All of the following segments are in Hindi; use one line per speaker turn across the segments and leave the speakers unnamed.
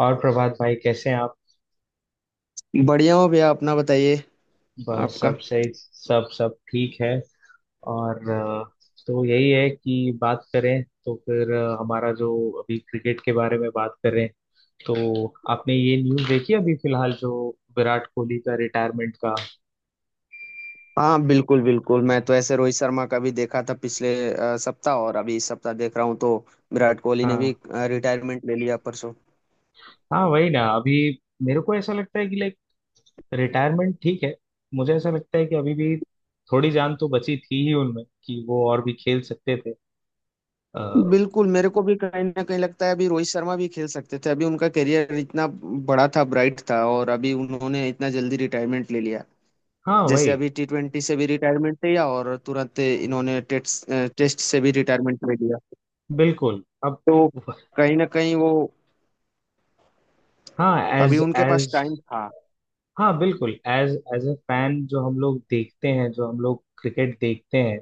और प्रभात भाई कैसे हैं आप?
बढ़िया हो भैया, अपना बताइए।
बस
आपका?
सब सही, सब सब ठीक है। और तो यही है कि बात करें, तो फिर हमारा जो अभी क्रिकेट के बारे में बात करें, तो आपने ये न्यूज़ देखी अभी फिलहाल जो विराट कोहली का रिटायरमेंट का।
हाँ बिल्कुल बिल्कुल, मैं तो ऐसे रोहित शर्मा का भी देखा था पिछले सप्ताह, और अभी इस सप्ताह देख रहा हूँ, तो विराट कोहली ने
हाँ।
भी रिटायरमेंट ले लिया परसों।
हाँ वही ना, अभी मेरे को ऐसा लगता है कि लाइक रिटायरमेंट ठीक है, मुझे ऐसा लगता है कि अभी भी थोड़ी जान तो बची थी ही उनमें कि वो और भी खेल सकते थे। आ,
बिल्कुल, मेरे को भी कहीं ना कहीं लगता है अभी रोहित शर्मा भी खेल सकते थे, अभी उनका करियर इतना बड़ा था, ब्राइट था, और अभी उन्होंने इतना जल्दी रिटायरमेंट ले लिया।
हाँ
जैसे
वही,
अभी T20 से भी रिटायरमेंट लिया, और तुरंत इन्होंने टेस्ट टेस्ट से भी रिटायरमेंट ले लिया।
बिल्कुल अब।
तो कहीं ना कहीं वो,
हाँ
अभी
एज
उनके पास
एज
टाइम था।
हाँ बिल्कुल एज एज ए फैन, जो हम लोग देखते हैं, जो हम लोग क्रिकेट देखते हैं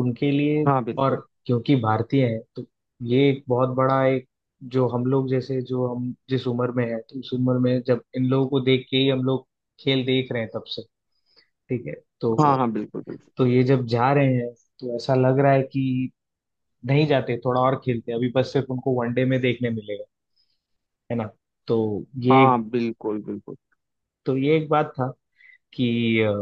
उनके लिए।
हाँ
और
बिल्कुल।
क्योंकि भारतीय हैं तो ये एक बहुत बड़ा एक, जो हम लोग जैसे जो हम जिस उम्र में है, तो उस उम्र में जब इन लोगों को देख के ही हम लोग खेल देख रहे हैं तब से, ठीक है। तो
हाँ हाँ बिल्कुल बिल्कुल।
तो ये जब जा रहे हैं, तो ऐसा लग रहा है कि नहीं जाते थोड़ा और खेलते, अभी बस सिर्फ उनको वनडे में देखने मिलेगा, है ना। तो ये
हाँ बिल्कुल बिल्कुल।
तो ये एक बात था कि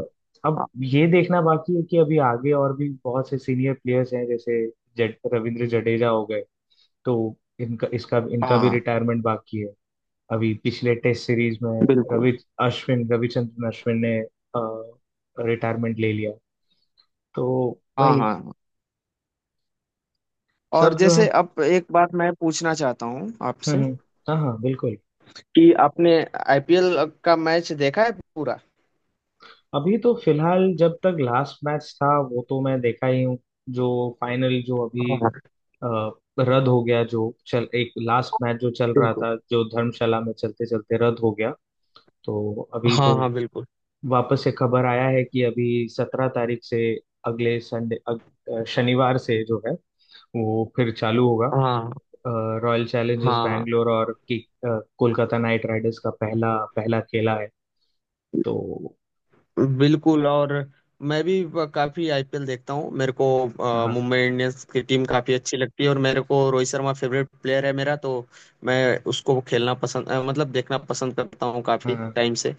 अब ये देखना बाकी है कि अभी आगे और भी बहुत से सीनियर प्लेयर्स हैं, जैसे रविंद्र जडेजा हो गए, तो इनका इसका
हाँ
इनका भी
हाँ
रिटायरमेंट बाकी है। अभी पिछले टेस्ट सीरीज में
बिल्कुल।
रवि रविचंद्रन अश्विन ने रिटायरमेंट ले लिया। तो
हाँ
वही,
हाँ हाँ। और
सब जो
जैसे
है।
अब एक बात मैं पूछना चाहता हूँ आपसे,
हम्म। हाँ हाँ बिल्कुल।
कि आपने आईपीएल का मैच देखा है पूरा?
अभी तो फिलहाल जब तक लास्ट मैच था वो तो मैं देखा ही हूँ, जो फाइनल जो अभी
हाँ
अ, रद्द हो गया, जो चल एक लास्ट मैच जो चल रहा
बिल्कुल।
था जो धर्मशाला में चलते चलते रद्द हो गया। तो अभी
हाँ
तो
हाँ बिल्कुल।
वापस से खबर आया है कि अभी 17 तारीख से, अगले संडे, शनिवार से जो है वो फिर चालू होगा,
हाँ
रॉयल चैलेंजर्स
हाँ हाँ।
बैंगलोर और कोलकाता नाइट राइडर्स का पहला पहला खेला है। तो
बिल्कुल। और मैं भी काफी आईपीएल देखता हूँ, मेरे को
हाँ
मुंबई इंडियंस की टीम काफी अच्छी लगती है, और मेरे को रोहित शर्मा फेवरेट प्लेयर है मेरा, तो मैं उसको खेलना पसंद मतलब देखना पसंद करता हूँ काफी
हाँ।
टाइम से।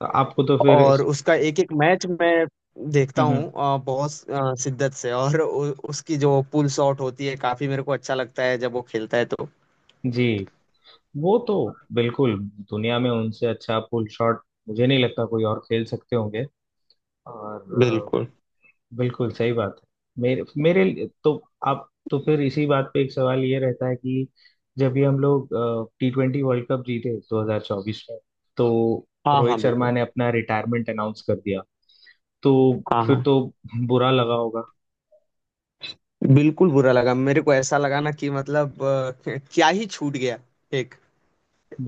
तो आपको तो फिर
और उसका एक एक मैच मैं देखता हूँ
हम्म।
बहुत शिद्दत से, और उसकी जो पुल शॉट होती है काफी मेरे को अच्छा लगता है जब वो खेलता है तो।
जी वो तो बिल्कुल, दुनिया में उनसे अच्छा पुल शॉट मुझे नहीं लगता कोई और खेल सकते होंगे। और
बिल्कुल।
बिल्कुल सही बात है। मेरे मेरे लिए- तो आप तो फिर इसी बात पे एक सवाल ये रहता है कि, जब भी हम लोग टी ट्वेंटी वर्ल्ड कप जीते 2024 में, तो
हाँ
रोहित
हाँ
शर्मा
बिल्कुल।
ने अपना रिटायरमेंट अनाउंस कर दिया, तो
हाँ
फिर
हाँ
तो बुरा लगा होगा।
बिल्कुल बुरा लगा, मेरे को ऐसा लगा ना कि मतलब, क्या ही छूट गया, एक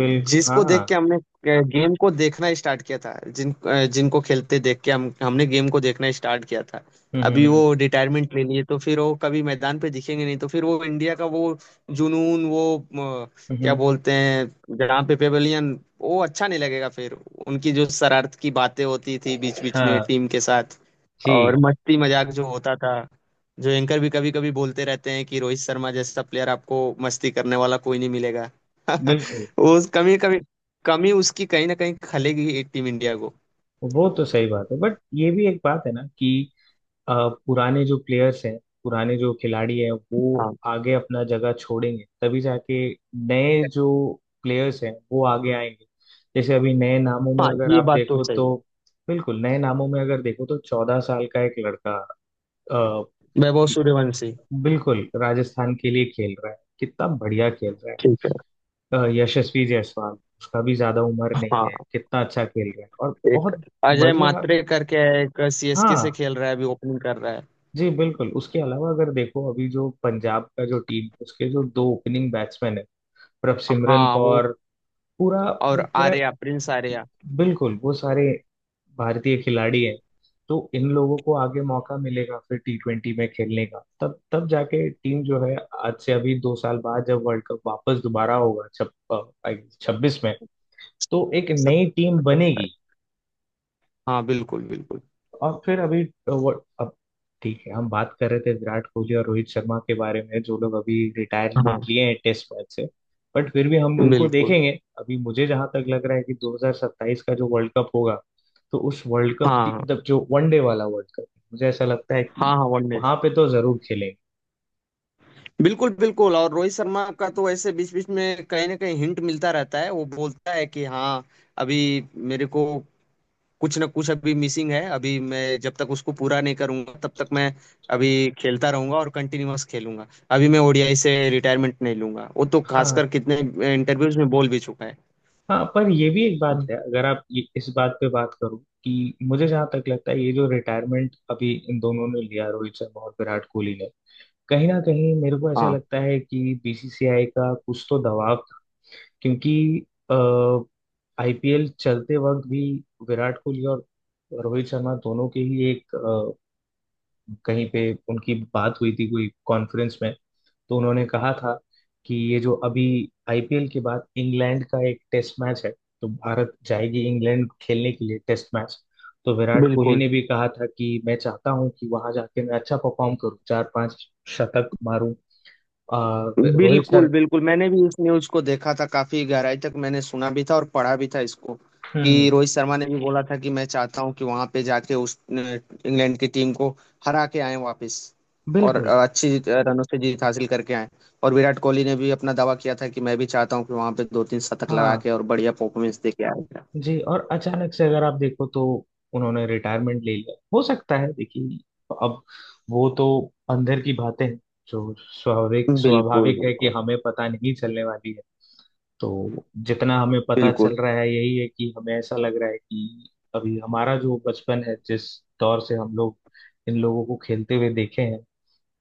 बिल
जिसको देख
हाँ।
के हमने गेम को देखना स्टार्ट किया था, जिनको खेलते देख के हम हमने गेम को देखना स्टार्ट किया था। अभी
हम्म।
वो रिटायरमेंट ले लिए तो फिर वो कभी मैदान पे दिखेंगे नहीं, तो फिर वो इंडिया का वो जुनून, वो
हम्म।
क्या बोलते हैं जहाँ पे, पेवेलियन, वो अच्छा नहीं लगेगा फिर। उनकी जो शरारत की बातें होती थी बीच बीच में
हाँ
टीम के साथ,
जी
और मस्ती मजाक जो होता था, जो एंकर भी कभी कभी बोलते रहते हैं कि रोहित शर्मा जैसा प्लेयर आपको मस्ती करने वाला कोई नहीं मिलेगा।
बिल्कुल।
उस कमी कमी कमी उसकी कहीं ना कहीं खलेगी ही टीम इंडिया को।
वो तो सही बात है, बट ये भी एक बात है ना कि अ, पुराने जो प्लेयर्स हैं, पुराने जो खिलाड़ी हैं वो
हाँ
आगे अपना जगह छोड़ेंगे, तभी जाके नए जो प्लेयर्स हैं वो आगे आएंगे। जैसे अभी नए नामों में
हाँ,
अगर
ये
आप
बात तो
देखो
सही है।
तो, बिल्कुल, नए नामों में अगर देखो तो 14 साल का एक लड़का अ,
वैभव सूर्यवंशी।
बिल्कुल राजस्थान के लिए खेल रहा है, कितना बढ़िया खेल रहा
ठीक है।
है। यशस्वी जायसवाल, उसका भी ज्यादा उम्र नहीं है,
हाँ,
कितना अच्छा खेल रहा है। और
एक
बहुत
अजय
बढ़िया।
मात्रे करके है, एक सीएसके
हाँ
से खेल रहा है, अभी ओपनिंग कर रहा है।
जी बिल्कुल, उसके अलावा अगर देखो, अभी जो पंजाब का जो टीम, उसके जो दो ओपनिंग बैट्समैन है, प्रभसिमरन
हाँ वो।
कौर पूरा,
और
वो पूरा,
आर्या, प्रिंस आर्या।
बिल्कुल, वो सारे भारतीय खिलाड़ी हैं। तो इन लोगों को आगे मौका मिलेगा फिर टी ट्वेंटी में खेलने का, तब तब जाके टीम जो है, आज से अभी 2 साल बाद जब वर्ल्ड कप वापस दोबारा होगा, छप 26 में, तो एक
सत,
नई टीम
सत,
बनेगी।
हाँ बिल्कुल बिल्कुल।
और फिर अभी वो अब, ठीक है हम बात कर रहे थे विराट कोहली और रोहित शर्मा के बारे में जो लोग अभी रिटायरमेंट
हाँ
लिए हैं टेस्ट मैच से, बट फिर भी हम उनको
बिल्कुल।
देखेंगे। अभी मुझे जहां तक लग रहा है कि 2027 का जो वर्ल्ड कप होगा, तो उस वर्ल्ड कप की
हाँ
मतलब जो वनडे वाला वर्ल्ड कप, मुझे ऐसा लगता है
हाँ
कि
हाँ वनडे।
वहां पे तो जरूर खेलेंगे।
बिल्कुल बिल्कुल। और रोहित शर्मा का तो ऐसे बीच बीच में कहीं ना कहीं हिंट मिलता रहता है, वो बोलता है कि हाँ, अभी मेरे को कुछ ना कुछ अभी मिसिंग है, अभी मैं जब तक उसको पूरा नहीं करूंगा तब तक मैं अभी खेलता रहूंगा और कंटिन्यूअस खेलूंगा, अभी मैं ओडीआई से रिटायरमेंट नहीं लूंगा, वो तो खासकर
हाँ
कितने इंटरव्यूज में बोल भी चुका है।
हाँ, पर ये भी एक बात है, अगर आप इस बात पे बात करो कि, मुझे जहां तक लगता है ये जो रिटायरमेंट अभी इन दोनों ने लिया रोहित शर्मा और विराट कोहली ने, कहीं ना कहीं मेरे को ऐसा
हाँ
लगता है कि बीसीसीआई का कुछ तो दबाव, क्योंकि आईपीएल चलते वक्त भी विराट कोहली और रोहित शर्मा दोनों के ही एक कहीं पे उनकी बात हुई थी कोई कॉन्फ्रेंस में, तो उन्होंने कहा था कि ये जो अभी आईपीएल के बाद इंग्लैंड का एक टेस्ट मैच है, तो भारत जाएगी इंग्लैंड खेलने के लिए टेस्ट मैच, तो विराट कोहली
बिल्कुल
ने भी कहा था कि मैं चाहता हूं कि वहां जाके मैं अच्छा परफॉर्म करूं, चार पांच शतक मारूं। आ, रोहित
बिल्कुल।
सर।
बिल्कुल मैंने भी इस न्यूज को देखा था काफी गहराई तक, मैंने सुना भी था और पढ़ा भी था इसको,
हम्म।
कि रोहित शर्मा ने भी बोला था कि मैं चाहता हूं कि वहां पे जाके उस इंग्लैंड की टीम को हरा के आए वापस, और
बिल्कुल।
अच्छी रनों से जीत हासिल करके आए। और विराट कोहली ने भी अपना दावा किया था कि मैं भी चाहता हूँ कि वहां पे दो तीन शतक लगा
हाँ
के और बढ़िया परफॉर्मेंस दे के आएगा।
जी, और अचानक से अगर आप देखो तो उन्होंने रिटायरमेंट ले लिया, हो सकता है, देखिए अब वो तो अंदर की बातें हैं जो स्वाभाविक
बिल्कुल
स्वाभाविक है कि
बिल्कुल।
हमें पता नहीं चलने वाली है। तो जितना हमें पता चल
बिल्कुल।
रहा है यही है, कि हमें ऐसा लग रहा है कि अभी हमारा जो बचपन है, जिस दौर से हम लोग इन लोगों को खेलते हुए देखे हैं,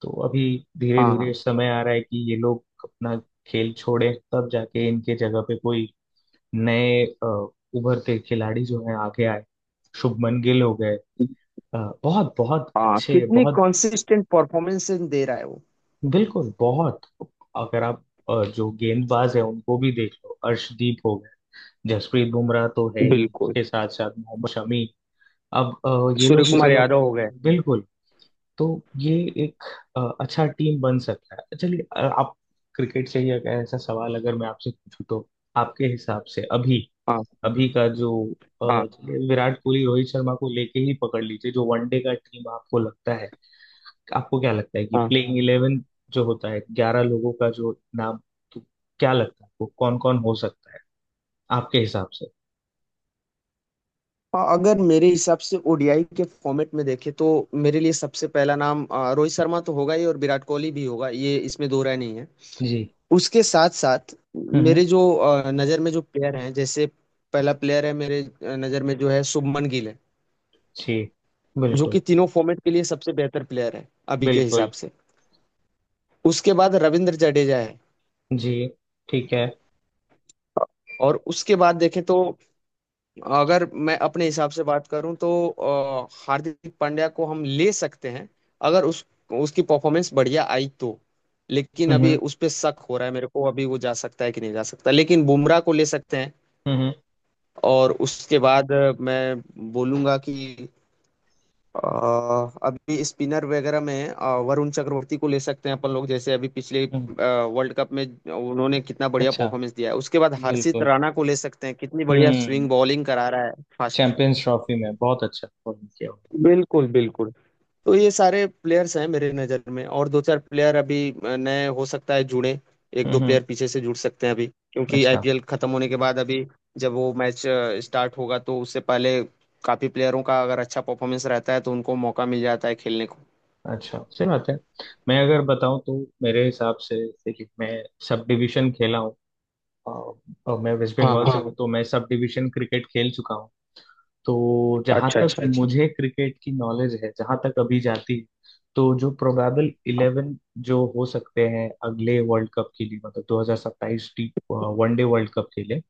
तो अभी धीरे
हाँ
धीरे
हाँ
समय आ रहा है कि ये लोग अपना खेल छोड़े, तब जाके इनके जगह पे कोई नए उभरते खिलाड़ी जो हैं आगे आए। शुभमन गिल हो गए, अ, बहुत बहुत
हाँ,
अच्छे,
कितनी
बहुत
कॉन्सिस्टेंट परफॉर्मेंस दे रहा है वो।
बिल्कुल बहुत। अगर आप जो गेंदबाज है उनको भी देख लो, अर्शदीप हो गए, जसप्रीत बुमराह तो है ही,
बिल्कुल।
उसके साथ साथ मोहम्मद शमी। अब ये लोग
सूर्य
भी
कुमार
चलो,
यादव हो गए।
यादव बिल्कुल। तो ये एक अच्छा टीम बन सकता है। चलिए आप, क्रिकेट से ही एक ऐसा सवाल अगर मैं आपसे पूछूं तो, आपके हिसाब से अभी,
हाँ
अभी का जो
हाँ
चलिए विराट कोहली रोहित शर्मा को लेके ही पकड़ लीजिए, जो वनडे का टीम आपको लगता है, आपको क्या लगता है कि
हाँ।
प्लेइंग इलेवन जो होता है 11 लोगों का जो नाम, तो क्या लगता है आपको कौन कौन हो सकता है आपके हिसाब से?
हाँ, अगर मेरे हिसाब से ओडीआई के फॉर्मेट में देखें तो, मेरे लिए सबसे पहला नाम रोहित शर्मा तो होगा ही, और विराट कोहली भी होगा, ये इसमें दो राय नहीं है।
जी।
उसके साथ साथ
हम्म।
मेरे जो नज़र में जो प्लेयर हैं, जैसे पहला प्लेयर है मेरे नज़र में, जो है शुभमन गिल है,
जी
जो कि
बिल्कुल
तीनों फॉर्मेट के लिए सबसे बेहतर प्लेयर है अभी के हिसाब
बिल्कुल।
से। उसके बाद रविंद्र जडेजा है।
जी ठीक है।
और उसके बाद देखें तो, अगर मैं अपने हिसाब से बात करूं तो हार्दिक पांड्या को हम ले सकते हैं, अगर उस उसकी परफॉर्मेंस बढ़िया आई तो। लेकिन अभी
हम्म।
उस पे शक हो रहा है मेरे को, अभी वो जा सकता है कि नहीं जा सकता, लेकिन बुमराह को ले सकते हैं।
हम्म,
और उसके बाद मैं बोलूंगा कि अ, अभी स्पिनर वगैरह में वरुण चक्रवर्ती को ले सकते हैं अपन लोग, जैसे अभी पिछले
हम्म।
वर्ल्ड कप में उन्होंने कितना बढ़िया
अच्छा
परफॉर्मेंस दिया है, उसके बाद हर्षित
बिल्कुल।
राणा को ले सकते हैं, कितनी बढ़िया
हम्म।
स्विंग बॉलिंग करा रहा है फास्ट।
चैंपियंस ट्रॉफी में बहुत अच्छा परफॉर्म किया हुआ।
बिल्कुल बिल्कुल। तो ये सारे प्लेयर्स हैं मेरे नज़र में, और दो चार प्लेयर अभी नए हो सकता है जुड़े, एक दो
हम्म।
प्लेयर पीछे से जुड़ सकते हैं अभी, क्योंकि
अच्छा
आईपीएल खत्म होने के बाद अभी जब वो मैच स्टार्ट होगा तो उससे पहले काफी प्लेयरों का अगर अच्छा परफॉर्मेंस रहता है तो उनको मौका मिल जाता है खेलने को।
अच्छा, सही बात है। मैं अगर बताऊं तो, मेरे हिसाब से देखिए मैं सब डिवीजन खेला हूँ, और मैं वेस्ट
हाँ
बंगाल से
हाँ
हूँ। हाँ, तो मैं सब डिवीजन क्रिकेट खेल चुका हूँ। तो जहां
अच्छा
तक,
अच्छा।
अच्छा अच्छा, मुझे क्रिकेट की नॉलेज है जहां तक अभी जाती है, तो जो प्रोबेबल इलेवन जो हो सकते हैं अगले वर्ल्ड कप के लिए, मतलब 2027 टी वनडे वर्ल्ड कप के लिए,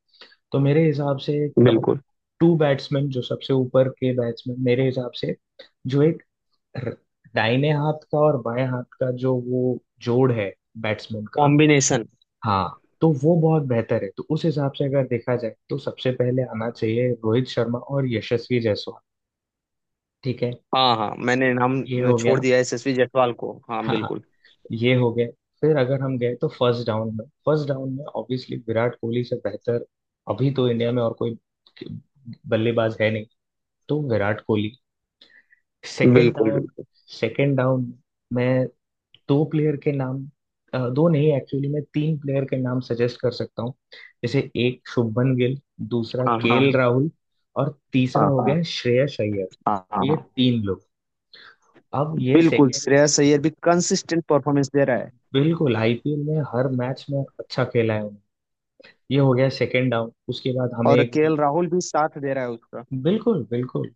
तो मेरे हिसाब से टॉप
बिल्कुल।
टू बैट्समैन, जो सबसे ऊपर के बैट्समैन, मेरे हिसाब से, जो एक र- दाहिने हाथ का और बाएं हाथ का जो वो जोड़ है बैट्समैन का,
कॉम्बिनेशन।
हाँ तो वो बहुत बेहतर है। तो उस हिसाब से अगर देखा जाए तो सबसे पहले आना चाहिए रोहित शर्मा और यशस्वी जायसवाल, ठीक है,
हाँ हाँ, मैंने नाम
ये हो गया।
छोड़ दिया यशस्वी जायसवाल को, हाँ
हाँ हाँ,
बिल्कुल।
ये हो गया। फिर अगर हम गए तो फर्स्ट डाउन में, फर्स्ट डाउन में ऑब्वियसली विराट कोहली से बेहतर अभी तो इंडिया में और कोई बल्लेबाज है नहीं, तो विराट कोहली। सेकेंड
बिल्कुल
डाउन,
बिल्कुल।
सेकेंड डाउन मैं दो प्लेयर के नाम, दो नहीं, एक्चुअली मैं तीन प्लेयर के नाम सजेस्ट कर सकता हूँ। जैसे, एक शुभमन गिल, दूसरा
हाँ
केएल केएल राहुल, और तीसरा
हाँ
हो गया हाँ श्रेयस अय्यर।
हाँ हाँ
ये
हाँ।
तीन लोग अब, ये
बिल्कुल,
सेकेंड,
श्रेयस अय्यर भी कंसिस्टेंट परफॉर्मेंस दे रहा है।
बिल्कुल, आईपीएल में हर मैच में अच्छा खेला है उन्होंने, ये हो गया सेकेंड डाउन। उसके बाद हमें
और
एक,
केएल राहुल भी साथ दे रहा है उसका।
बिल्कुल बिल्कुल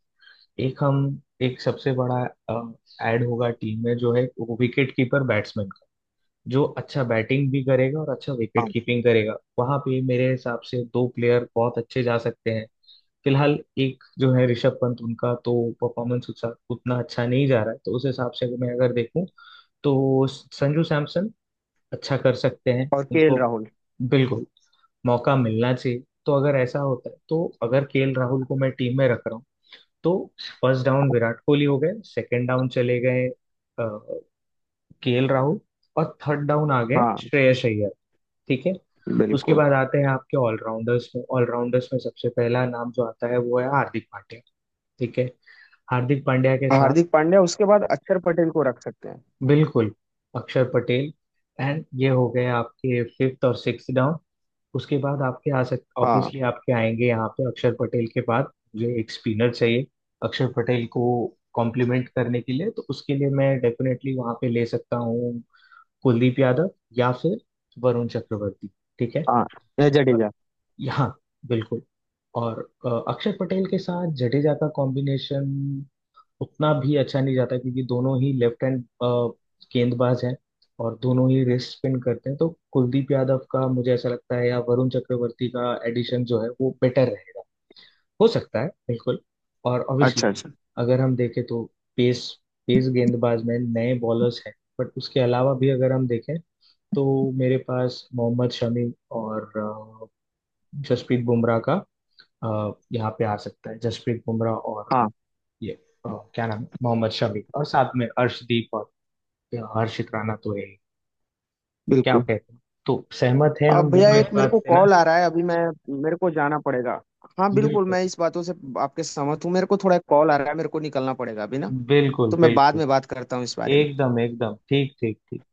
एक, हम एक सबसे बड़ा ऐड होगा टीम में, जो है विकेट कीपर बैट्समैन, जो अच्छा बैटिंग भी करेगा और अच्छा विकेट
हाँ,
कीपिंग करेगा, वहां पे मेरे हिसाब से दो प्लेयर बहुत अच्छे जा सकते हैं। फिलहाल एक जो है ऋषभ पंत, उनका तो परफॉर्मेंस उतना अच्छा नहीं जा रहा है, तो उस हिसाब से अगर देखूं, तो संजू सैमसन अच्छा कर सकते हैं,
और केएल
उनको
राहुल।
बिल्कुल मौका मिलना चाहिए। तो अगर ऐसा होता है, तो अगर केएल राहुल को मैं टीम में रख रहा हूँ, तो फर्स्ट डाउन विराट कोहली हो गए, सेकंड डाउन चले गए केएल राहुल, और थर्ड डाउन आ गए
हाँ
श्रेयस अय्यर, ठीक है। उसके
बिल्कुल।
बाद आते हैं आपके ऑलराउंडर्स में, ऑलराउंडर्स में सबसे पहला नाम जो आता है वो है हार्दिक पांड्या, ठीक है। हार्दिक पांड्या के
और
साथ
हार्दिक पांड्या, उसके बाद अक्षर पटेल को रख सकते हैं।
बिल्कुल अक्षर पटेल, एंड ये हो गए आपके फिफ्थ और सिक्स डाउन। उसके बाद आपके आ सक
हाँ
ऑब्वियसली आपके आएंगे यहाँ पे, अक्षर पटेल के बाद मुझे एक स्पिनर चाहिए अक्षर पटेल को कॉम्प्लीमेंट करने के लिए, तो उसके लिए मैं डेफिनेटली वहां पे ले सकता हूँ कुलदीप यादव या फिर वरुण चक्रवर्ती, ठीक है।
हाँ, या
और
जडेजा।
यहाँ बिल्कुल, और अक्षर पटेल के साथ जडेजा का कॉम्बिनेशन उतना भी अच्छा नहीं जाता, क्योंकि दोनों ही लेफ्ट हैंड गेंदबाज हैं और दोनों ही रिस्ट स्पिन करते हैं, तो कुलदीप यादव का मुझे ऐसा लगता है या वरुण चक्रवर्ती का एडिशन जो है वो बेटर रहेगा, हो सकता है। बिल्कुल और ऑब्वियसली,
अच्छा अच्छा।
अगर हम देखें तो पेस, गेंदबाज में नए बॉलर्स हैं, बट उसके अलावा भी अगर हम देखें तो मेरे पास मोहम्मद शमी और जसप्रीत बुमराह का यहाँ पे आ सकता है जसप्रीत बुमराह और
हाँ
ये, अ, क्या नाम है? मोहम्मद शमी, और साथ में अर्शदीप, और हर्षित राणा तो है ही। क्या
बिल्कुल।
कहते हैं, तो सहमत हैं
अब
हम
भैया
दोनों
एक
इस
मेरे
बात
को
से ना?
कॉल आ रहा है, अभी मैं, मेरे को जाना पड़ेगा। हाँ बिल्कुल,
बिल्कुल
मैं इस बातों से आपके सहमत हूँ, मेरे को थोड़ा कॉल आ रहा है, मेरे को निकलना पड़ेगा अभी ना।
बिल्कुल
तो मैं बाद
बिल्कुल,
में बात करता हूँ इस बारे में।
एकदम एकदम, ठीक ठीक ठीक।